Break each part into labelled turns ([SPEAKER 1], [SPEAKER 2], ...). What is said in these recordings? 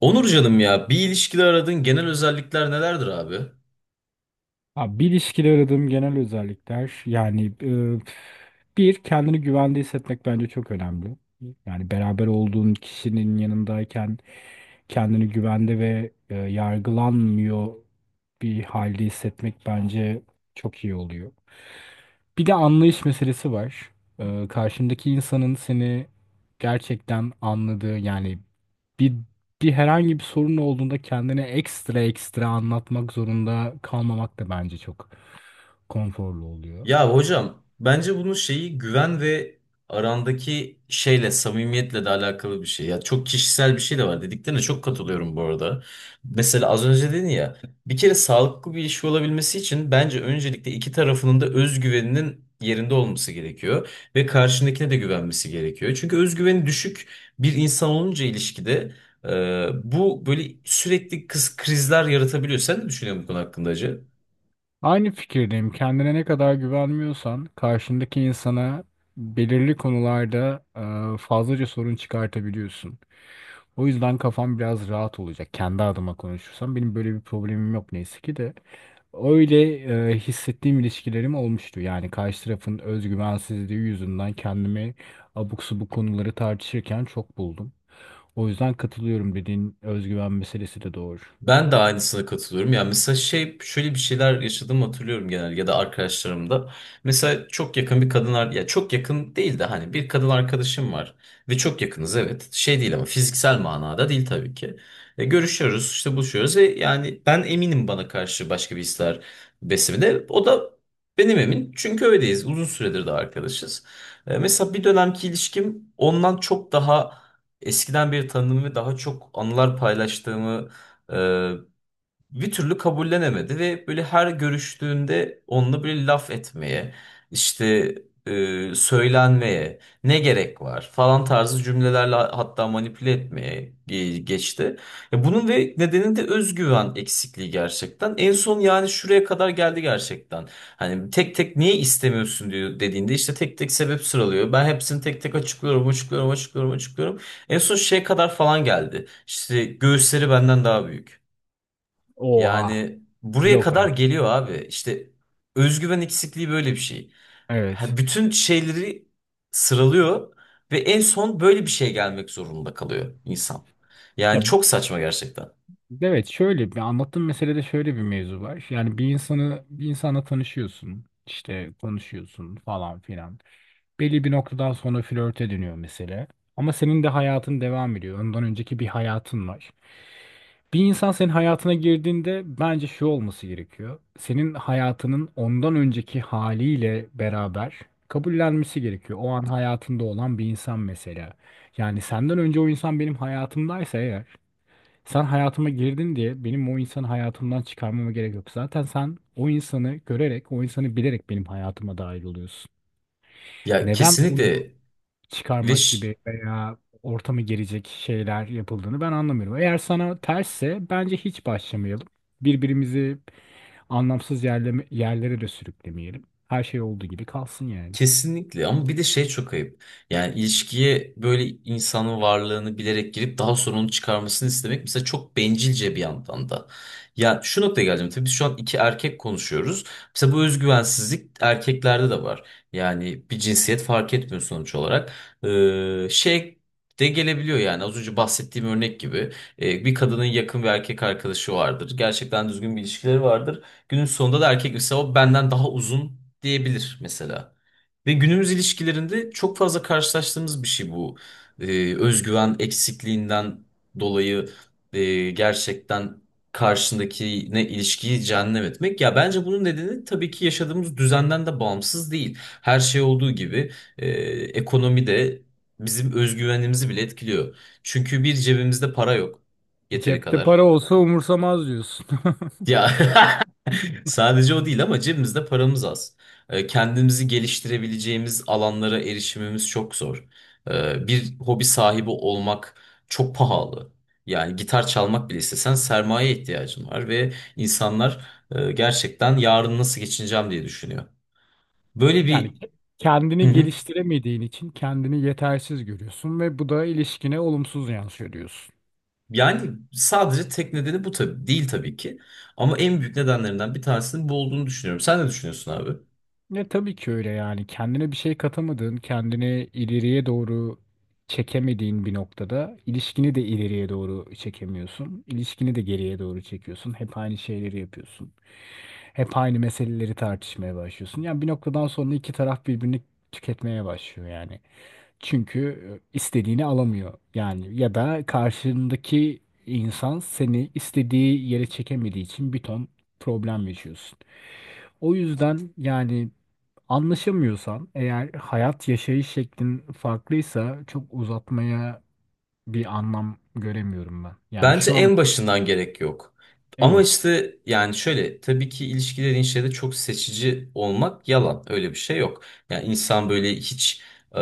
[SPEAKER 1] Onur canım ya bir ilişkide aradığın genel özellikler nelerdir abi?
[SPEAKER 2] Abi bir ilişkide aradığım genel özellikler bir kendini güvende hissetmek bence çok önemli. Yani beraber olduğun kişinin yanındayken kendini güvende ve yargılanmıyor bir halde hissetmek bence çok iyi oluyor. Bir de anlayış meselesi var. Karşındaki insanın seni gerçekten anladığı yani bir bir herhangi bir sorun olduğunda kendine ekstra anlatmak zorunda kalmamak da bence çok konforlu oluyor.
[SPEAKER 1] Ya hocam bence bunun şeyi güven ve arandaki şeyle samimiyetle de alakalı bir şey. Ya çok kişisel bir şey de var. Dediklerine çok katılıyorum bu arada. Mesela az önce dedin ya, bir kere sağlıklı bir ilişki olabilmesi için bence öncelikle iki tarafının da özgüveninin yerinde olması gerekiyor ve karşındakine de güvenmesi gerekiyor. Çünkü özgüveni düşük bir insan olunca ilişkide e, bu böyle sürekli kız krizler yaratabiliyor. Sen ne düşünüyorsun bu konu hakkında Hacı?
[SPEAKER 2] Aynı fikirdeyim. Kendine ne kadar güvenmiyorsan karşındaki insana belirli konularda fazlaca sorun çıkartabiliyorsun. O yüzden kafam biraz rahat olacak. Kendi adıma konuşursam benim böyle bir problemim yok neyse ki de. Öyle hissettiğim ilişkilerim olmuştu. Yani karşı tarafın özgüvensizliği yüzünden kendimi abuk subuk konuları tartışırken çok buldum. O yüzden katılıyorum, dediğin özgüven meselesi de doğru.
[SPEAKER 1] Ben de aynısına katılıyorum. Yani mesela şey, şöyle bir şeyler yaşadığımı hatırlıyorum genel ya da arkadaşlarımda. Mesela çok yakın bir kadın ya çok yakın değil de hani bir kadın arkadaşım var ve çok yakınız, evet. Şey değil, ama fiziksel manada değil tabii ki. Görüşüyoruz, işte buluşuyoruz ve yani ben eminim bana karşı başka bir hisler beslemede. O da benim emin. Çünkü öyleyiz. Uzun süredir de arkadaşız. Mesela bir dönemki ilişkim ondan çok daha eskiden beri tanıdığım ve daha çok anılar paylaştığımı ee, bir türlü kabullenemedi ve böyle her görüştüğünde onunla böyle laf etmeye, işte söylenmeye, ne gerek var falan tarzı cümlelerle hatta manipüle etmeye geçti. Bunun ve nedeni de özgüven eksikliği gerçekten. En son yani şuraya kadar geldi gerçekten. Hani tek tek niye istemiyorsun diyor, dediğinde işte tek tek sebep sıralıyor. Ben hepsini tek tek açıklıyorum, açıklıyorum, açıklıyorum, açıklıyorum. En son şeye kadar falan geldi. İşte göğüsleri benden daha büyük.
[SPEAKER 2] Oha.
[SPEAKER 1] Yani buraya
[SPEAKER 2] Yok
[SPEAKER 1] kadar
[SPEAKER 2] artık.
[SPEAKER 1] geliyor abi. İşte özgüven eksikliği böyle bir şey.
[SPEAKER 2] Evet.
[SPEAKER 1] Ha, bütün şeyleri sıralıyor ve en son böyle bir şeye gelmek zorunda kalıyor insan.
[SPEAKER 2] Ya
[SPEAKER 1] Yani çok saçma gerçekten.
[SPEAKER 2] Evet, şöyle bir anlattığım meselede şöyle bir mevzu var. Yani bir insanı bir insanla tanışıyorsun, işte konuşuyorsun falan filan. Belli bir noktadan sonra flörte dönüyor mesele. Ama senin de hayatın devam ediyor. Ondan önceki bir hayatın var. Bir insan senin hayatına girdiğinde bence şu olması gerekiyor. Senin hayatının ondan önceki haliyle beraber kabullenmesi gerekiyor. O an hayatında olan bir insan mesela. Yani senden önce o insan benim hayatımdaysa eğer sen hayatıma girdin diye benim o insanı hayatımdan çıkarmama gerek yok. Zaten sen o insanı görerek, o insanı bilerek benim hayatıma dahil oluyorsun.
[SPEAKER 1] Ya
[SPEAKER 2] Neden onu
[SPEAKER 1] kesinlikle ve
[SPEAKER 2] çıkarmak gibi veya ortamı gelecek şeyler yapıldığını ben anlamıyorum. Eğer sana tersse bence hiç başlamayalım. Birbirimizi anlamsız yerleme, yerlere de sürüklemeyelim. Her şey olduğu gibi kalsın yani.
[SPEAKER 1] kesinlikle, ama bir de şey, çok ayıp. Yani ilişkiye böyle insanın varlığını bilerek girip daha sonra onu çıkarmasını istemek mesela çok bencilce bir yandan da. Ya şu noktaya geleceğim. Tabii biz şu an iki erkek konuşuyoruz. Mesela bu özgüvensizlik erkeklerde de var. Yani bir cinsiyet fark etmiyor sonuç olarak. Şey de gelebiliyor yani, az önce bahsettiğim örnek gibi. Bir kadının yakın bir erkek arkadaşı vardır. Gerçekten düzgün bir ilişkileri vardır. Günün sonunda da erkek mesela o benden daha uzun diyebilir mesela. Ve günümüz ilişkilerinde çok fazla karşılaştığımız bir şey bu. Özgüven eksikliğinden dolayı gerçekten karşındakine ilişkiyi cehennem etmek. Ya bence bunun nedeni tabii ki yaşadığımız düzenden de bağımsız değil. Her şey olduğu gibi, e, ekonomi de bizim özgüvenimizi bile etkiliyor. Çünkü bir cebimizde para yok yeteri
[SPEAKER 2] Cepte
[SPEAKER 1] kadar.
[SPEAKER 2] para olsa umursamaz diyorsun.
[SPEAKER 1] Ya sadece o değil ama cebimizde paramız az. Kendimizi geliştirebileceğimiz alanlara erişimimiz çok zor. Bir hobi sahibi olmak çok pahalı. Yani gitar çalmak bile istesen sermaye ihtiyacın var ve insanlar gerçekten yarın nasıl geçineceğim diye düşünüyor. Böyle
[SPEAKER 2] Yani
[SPEAKER 1] bir hı
[SPEAKER 2] kendini
[SPEAKER 1] hı.
[SPEAKER 2] geliştiremediğin için kendini yetersiz görüyorsun ve bu da ilişkine olumsuz yansıyor diyorsun.
[SPEAKER 1] Yani sadece tek nedeni bu tabii değil, tabii ki. Ama en büyük nedenlerinden bir tanesinin bu olduğunu düşünüyorum. Sen ne düşünüyorsun abi?
[SPEAKER 2] Ne tabii ki öyle yani kendine bir şey katamadığın, kendini ileriye doğru çekemediğin bir noktada ilişkini de ileriye doğru çekemiyorsun. İlişkini de geriye doğru çekiyorsun. Hep aynı şeyleri yapıyorsun. Hep aynı meseleleri tartışmaya başlıyorsun. Yani bir noktadan sonra iki taraf birbirini tüketmeye başlıyor yani. Çünkü istediğini alamıyor. Yani ya da karşındaki insan seni istediği yere çekemediği için bir ton problem yaşıyorsun. O yüzden yani anlaşamıyorsan eğer hayat yaşayış şeklin farklıysa çok uzatmaya bir anlam göremiyorum ben. Yani
[SPEAKER 1] Bence
[SPEAKER 2] şu an
[SPEAKER 1] en başından gerek yok. Ama
[SPEAKER 2] evet.
[SPEAKER 1] işte yani şöyle, tabii ki ilişkilerin şeyde çok seçici olmak yalan. Öyle bir şey yok. Yani insan böyle hiç e,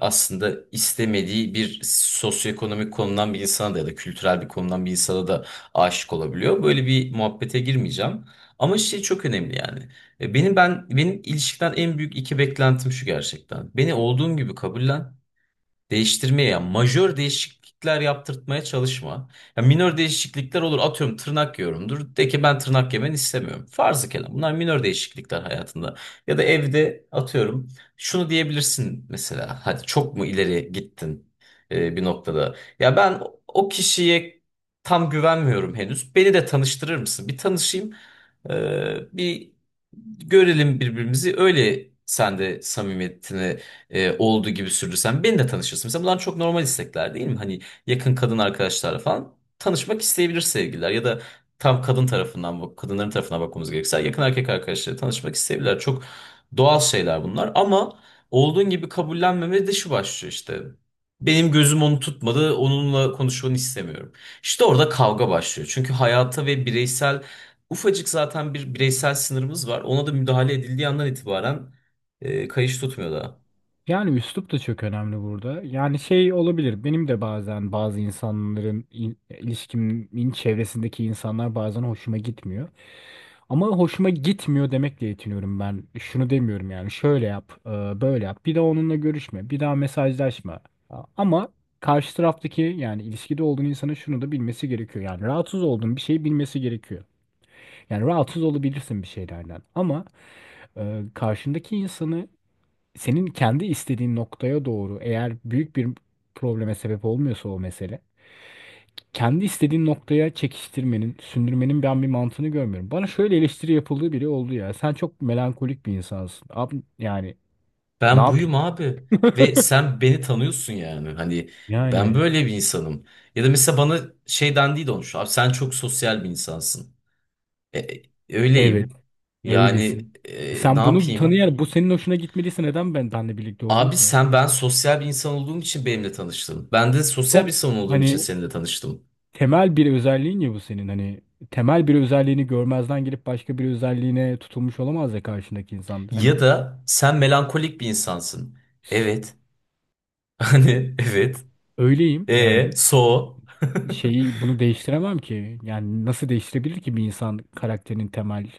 [SPEAKER 1] aslında istemediği bir sosyoekonomik konudan bir insana da ya da kültürel bir konudan bir insana da aşık olabiliyor. Böyle bir muhabbete girmeyeceğim. Ama şey çok önemli yani. Benim ilişkiden en büyük iki beklentim şu gerçekten. Beni olduğum gibi kabullen. Değiştirmeye ya majör değişiklikler yaptırtmaya çalışma. Ya minör değişiklikler olur, atıyorum tırnak yiyorumdur. De ki ben tırnak yemeni istemiyorum. Farzı kelam bunlar minör değişiklikler hayatında. Ya da evde atıyorum şunu diyebilirsin mesela, hadi çok mu ileri gittin bir noktada. Ya ben o kişiye tam güvenmiyorum henüz. Beni de tanıştırır mısın? Bir tanışayım, e, bir görelim birbirimizi, öyle sen de samimiyetini olduğu gibi sürdürsen beni de tanışırsın. Mesela bunlar çok normal istekler değil mi? Hani yakın kadın arkadaşlarla falan tanışmak isteyebilir sevgililer ya da, tam kadın tarafından bak, kadınların tarafına bakmamız gerekirse yakın erkek arkadaşları tanışmak isteyebilirler. Çok doğal şeyler bunlar, ama olduğun gibi kabullenmeme de şu başlıyor işte. Benim gözüm onu tutmadı, onunla konuşmanı istemiyorum. İşte orada kavga başlıyor. Çünkü hayata ve bireysel, ufacık zaten bir bireysel sınırımız var. Ona da müdahale edildiği andan itibaren kayış tutmuyor daha.
[SPEAKER 2] Yani üslup da çok önemli burada. Yani şey olabilir. Benim de bazen bazı insanların ilişkimin çevresindeki insanlar bazen hoşuma gitmiyor. Ama hoşuma gitmiyor demekle yetiniyorum ben. Şunu demiyorum yani şöyle yap, böyle yap. Bir daha onunla görüşme, bir daha mesajlaşma. Ama karşı taraftaki yani ilişkide olduğun insanın şunu da bilmesi gerekiyor. Yani rahatsız olduğun bir şeyi bilmesi gerekiyor. Yani rahatsız olabilirsin bir şeylerden. Ama karşındaki insanı senin kendi istediğin noktaya doğru eğer büyük bir probleme sebep olmuyorsa o mesele kendi istediğin noktaya çekiştirmenin, sündürmenin ben bir mantığını görmüyorum. Bana şöyle eleştiri yapıldığı bile oldu ya. Sen çok melankolik bir insansın. Abi yani ne
[SPEAKER 1] Ben
[SPEAKER 2] yapayım?
[SPEAKER 1] buyum abi ve sen beni tanıyorsun, yani hani ben
[SPEAKER 2] Yani
[SPEAKER 1] böyle bir insanım. Ya da mesela bana şey dendiği de olmuş, abi sen çok sosyal bir insansın. E, e,
[SPEAKER 2] evet,
[SPEAKER 1] Öyleyim yani,
[SPEAKER 2] öylesin.
[SPEAKER 1] ne
[SPEAKER 2] Sen bunu
[SPEAKER 1] yapayım?
[SPEAKER 2] tanıyarak bu senin hoşuna gitmediyse neden ben benle birlikte oldun
[SPEAKER 1] Abi
[SPEAKER 2] ki?
[SPEAKER 1] sen, ben sosyal bir insan olduğum için benimle tanıştın. Ben de sosyal bir
[SPEAKER 2] Çok
[SPEAKER 1] insan olduğum için
[SPEAKER 2] hani
[SPEAKER 1] seninle tanıştım.
[SPEAKER 2] temel bir özelliğin ya bu senin. Hani temel bir özelliğini görmezden gelip başka bir özelliğine tutulmuş olamaz ya karşındaki insan. Hani
[SPEAKER 1] Ya da sen melankolik bir insansın. Evet. Hani evet,
[SPEAKER 2] öyleyim
[SPEAKER 1] e
[SPEAKER 2] yani.
[SPEAKER 1] so.
[SPEAKER 2] Şeyi bunu değiştiremem ki. Yani nasıl değiştirebilir ki bir insan karakterin temel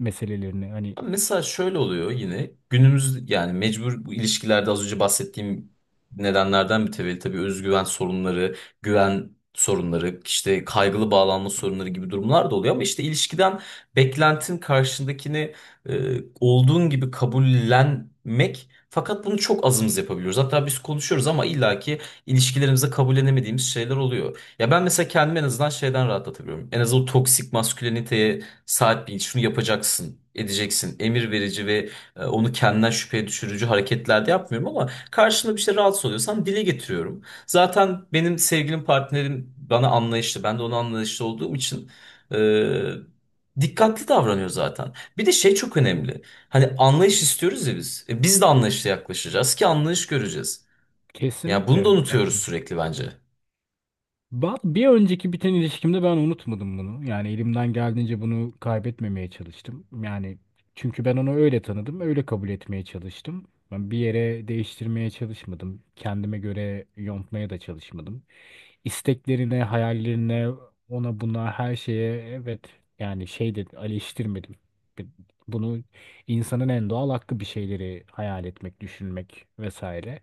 [SPEAKER 2] meselelerini? Hani
[SPEAKER 1] Abi, mesela şöyle oluyor yine günümüz, yani mecbur bu ilişkilerde az önce bahsettiğim nedenlerden mütevellit tabii özgüven sorunları, güven sorunları, işte kaygılı bağlanma sorunları gibi durumlar da oluyor, ama işte ilişkiden beklentin karşındakini olduğun gibi kabullenmek, fakat bunu çok azımız yapabiliyoruz. Hatta biz konuşuyoruz ama illaki ilişkilerimize kabullenemediğimiz şeyler oluyor. Ya ben mesela kendimi en azından şeyden rahatlatabiliyorum. En azından o toksik masküleniteye, saat bil, şunu yapacaksın, edeceksin. Emir verici ve onu kendinden şüpheye düşürücü hareketlerde yapmıyorum, ama karşında bir şey rahatsız oluyorsan dile getiriyorum. Zaten benim sevgilim, partnerim bana anlayışlı, ben de ona anlayışlı olduğum için e, dikkatli davranıyor zaten. Bir de şey çok önemli. Hani anlayış istiyoruz ya biz. Biz de anlayışla yaklaşacağız ki anlayış göreceğiz. Ya bunu da
[SPEAKER 2] kesinlikle.
[SPEAKER 1] unutuyoruz sürekli bence.
[SPEAKER 2] Bir önceki biten ilişkimde ben unutmadım bunu. Yani elimden geldiğince bunu kaybetmemeye çalıştım. Yani çünkü ben onu öyle tanıdım, öyle kabul etmeye çalıştım. Ben bir yere değiştirmeye çalışmadım. Kendime göre yontmaya da çalışmadım. İsteklerine, hayallerine, ona buna her şeye evet, yani şey de eleştirmedim. Bunu İnsanın en doğal hakkı bir şeyleri hayal etmek, düşünmek vesaire.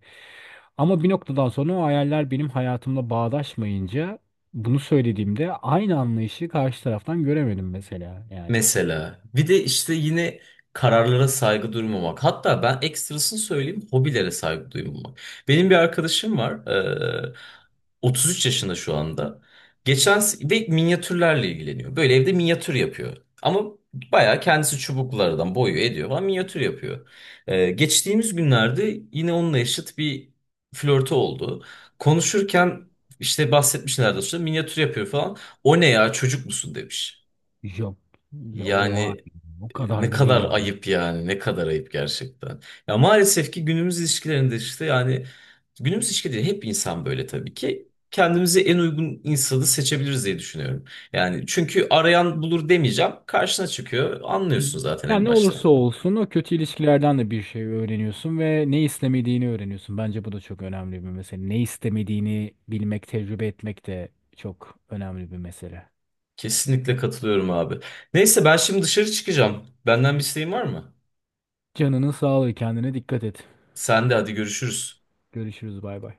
[SPEAKER 2] Ama bir noktadan sonra o hayaller benim hayatımla bağdaşmayınca bunu söylediğimde aynı anlayışı karşı taraftan göremedim mesela. Yani
[SPEAKER 1] Mesela bir de işte yine kararlara saygı duymamak. Hatta ben ekstrasını söyleyeyim, hobilere saygı duymamak. Benim bir arkadaşım var. eee, 33 yaşında şu anda. Ve minyatürlerle ilgileniyor. Böyle evde minyatür yapıyor. Ama bayağı kendisi çubuklardan boyuyor, ediyor falan, minyatür yapıyor. Geçtiğimiz günlerde yine onunla eşit bir flörtü oldu. Konuşurken işte bahsetmiş nerede, sonra minyatür yapıyor falan. O ne ya, çocuk musun demiş.
[SPEAKER 2] yok, ya oha,
[SPEAKER 1] Yani
[SPEAKER 2] o
[SPEAKER 1] ne
[SPEAKER 2] kadar da
[SPEAKER 1] kadar
[SPEAKER 2] değil be.
[SPEAKER 1] ayıp, yani ne kadar ayıp gerçekten. Ya maalesef ki günümüz ilişkilerinde işte, yani günümüz ilişkileri hep insan böyle tabii ki. Kendimize en uygun insanı seçebiliriz diye düşünüyorum. Yani çünkü arayan bulur demeyeceğim. Karşına çıkıyor. Anlıyorsun zaten
[SPEAKER 2] Yani
[SPEAKER 1] en
[SPEAKER 2] ne
[SPEAKER 1] başta.
[SPEAKER 2] olursa olsun o kötü ilişkilerden de bir şey öğreniyorsun ve ne istemediğini öğreniyorsun. Bence bu da çok önemli bir mesele. Ne istemediğini bilmek, tecrübe etmek de çok önemli bir mesele.
[SPEAKER 1] Kesinlikle katılıyorum abi. Neyse ben şimdi dışarı çıkacağım. Benden bir isteğin var mı?
[SPEAKER 2] Canının sağlığı, kendine dikkat et.
[SPEAKER 1] Sen de hadi görüşürüz.
[SPEAKER 2] Görüşürüz, bay bay.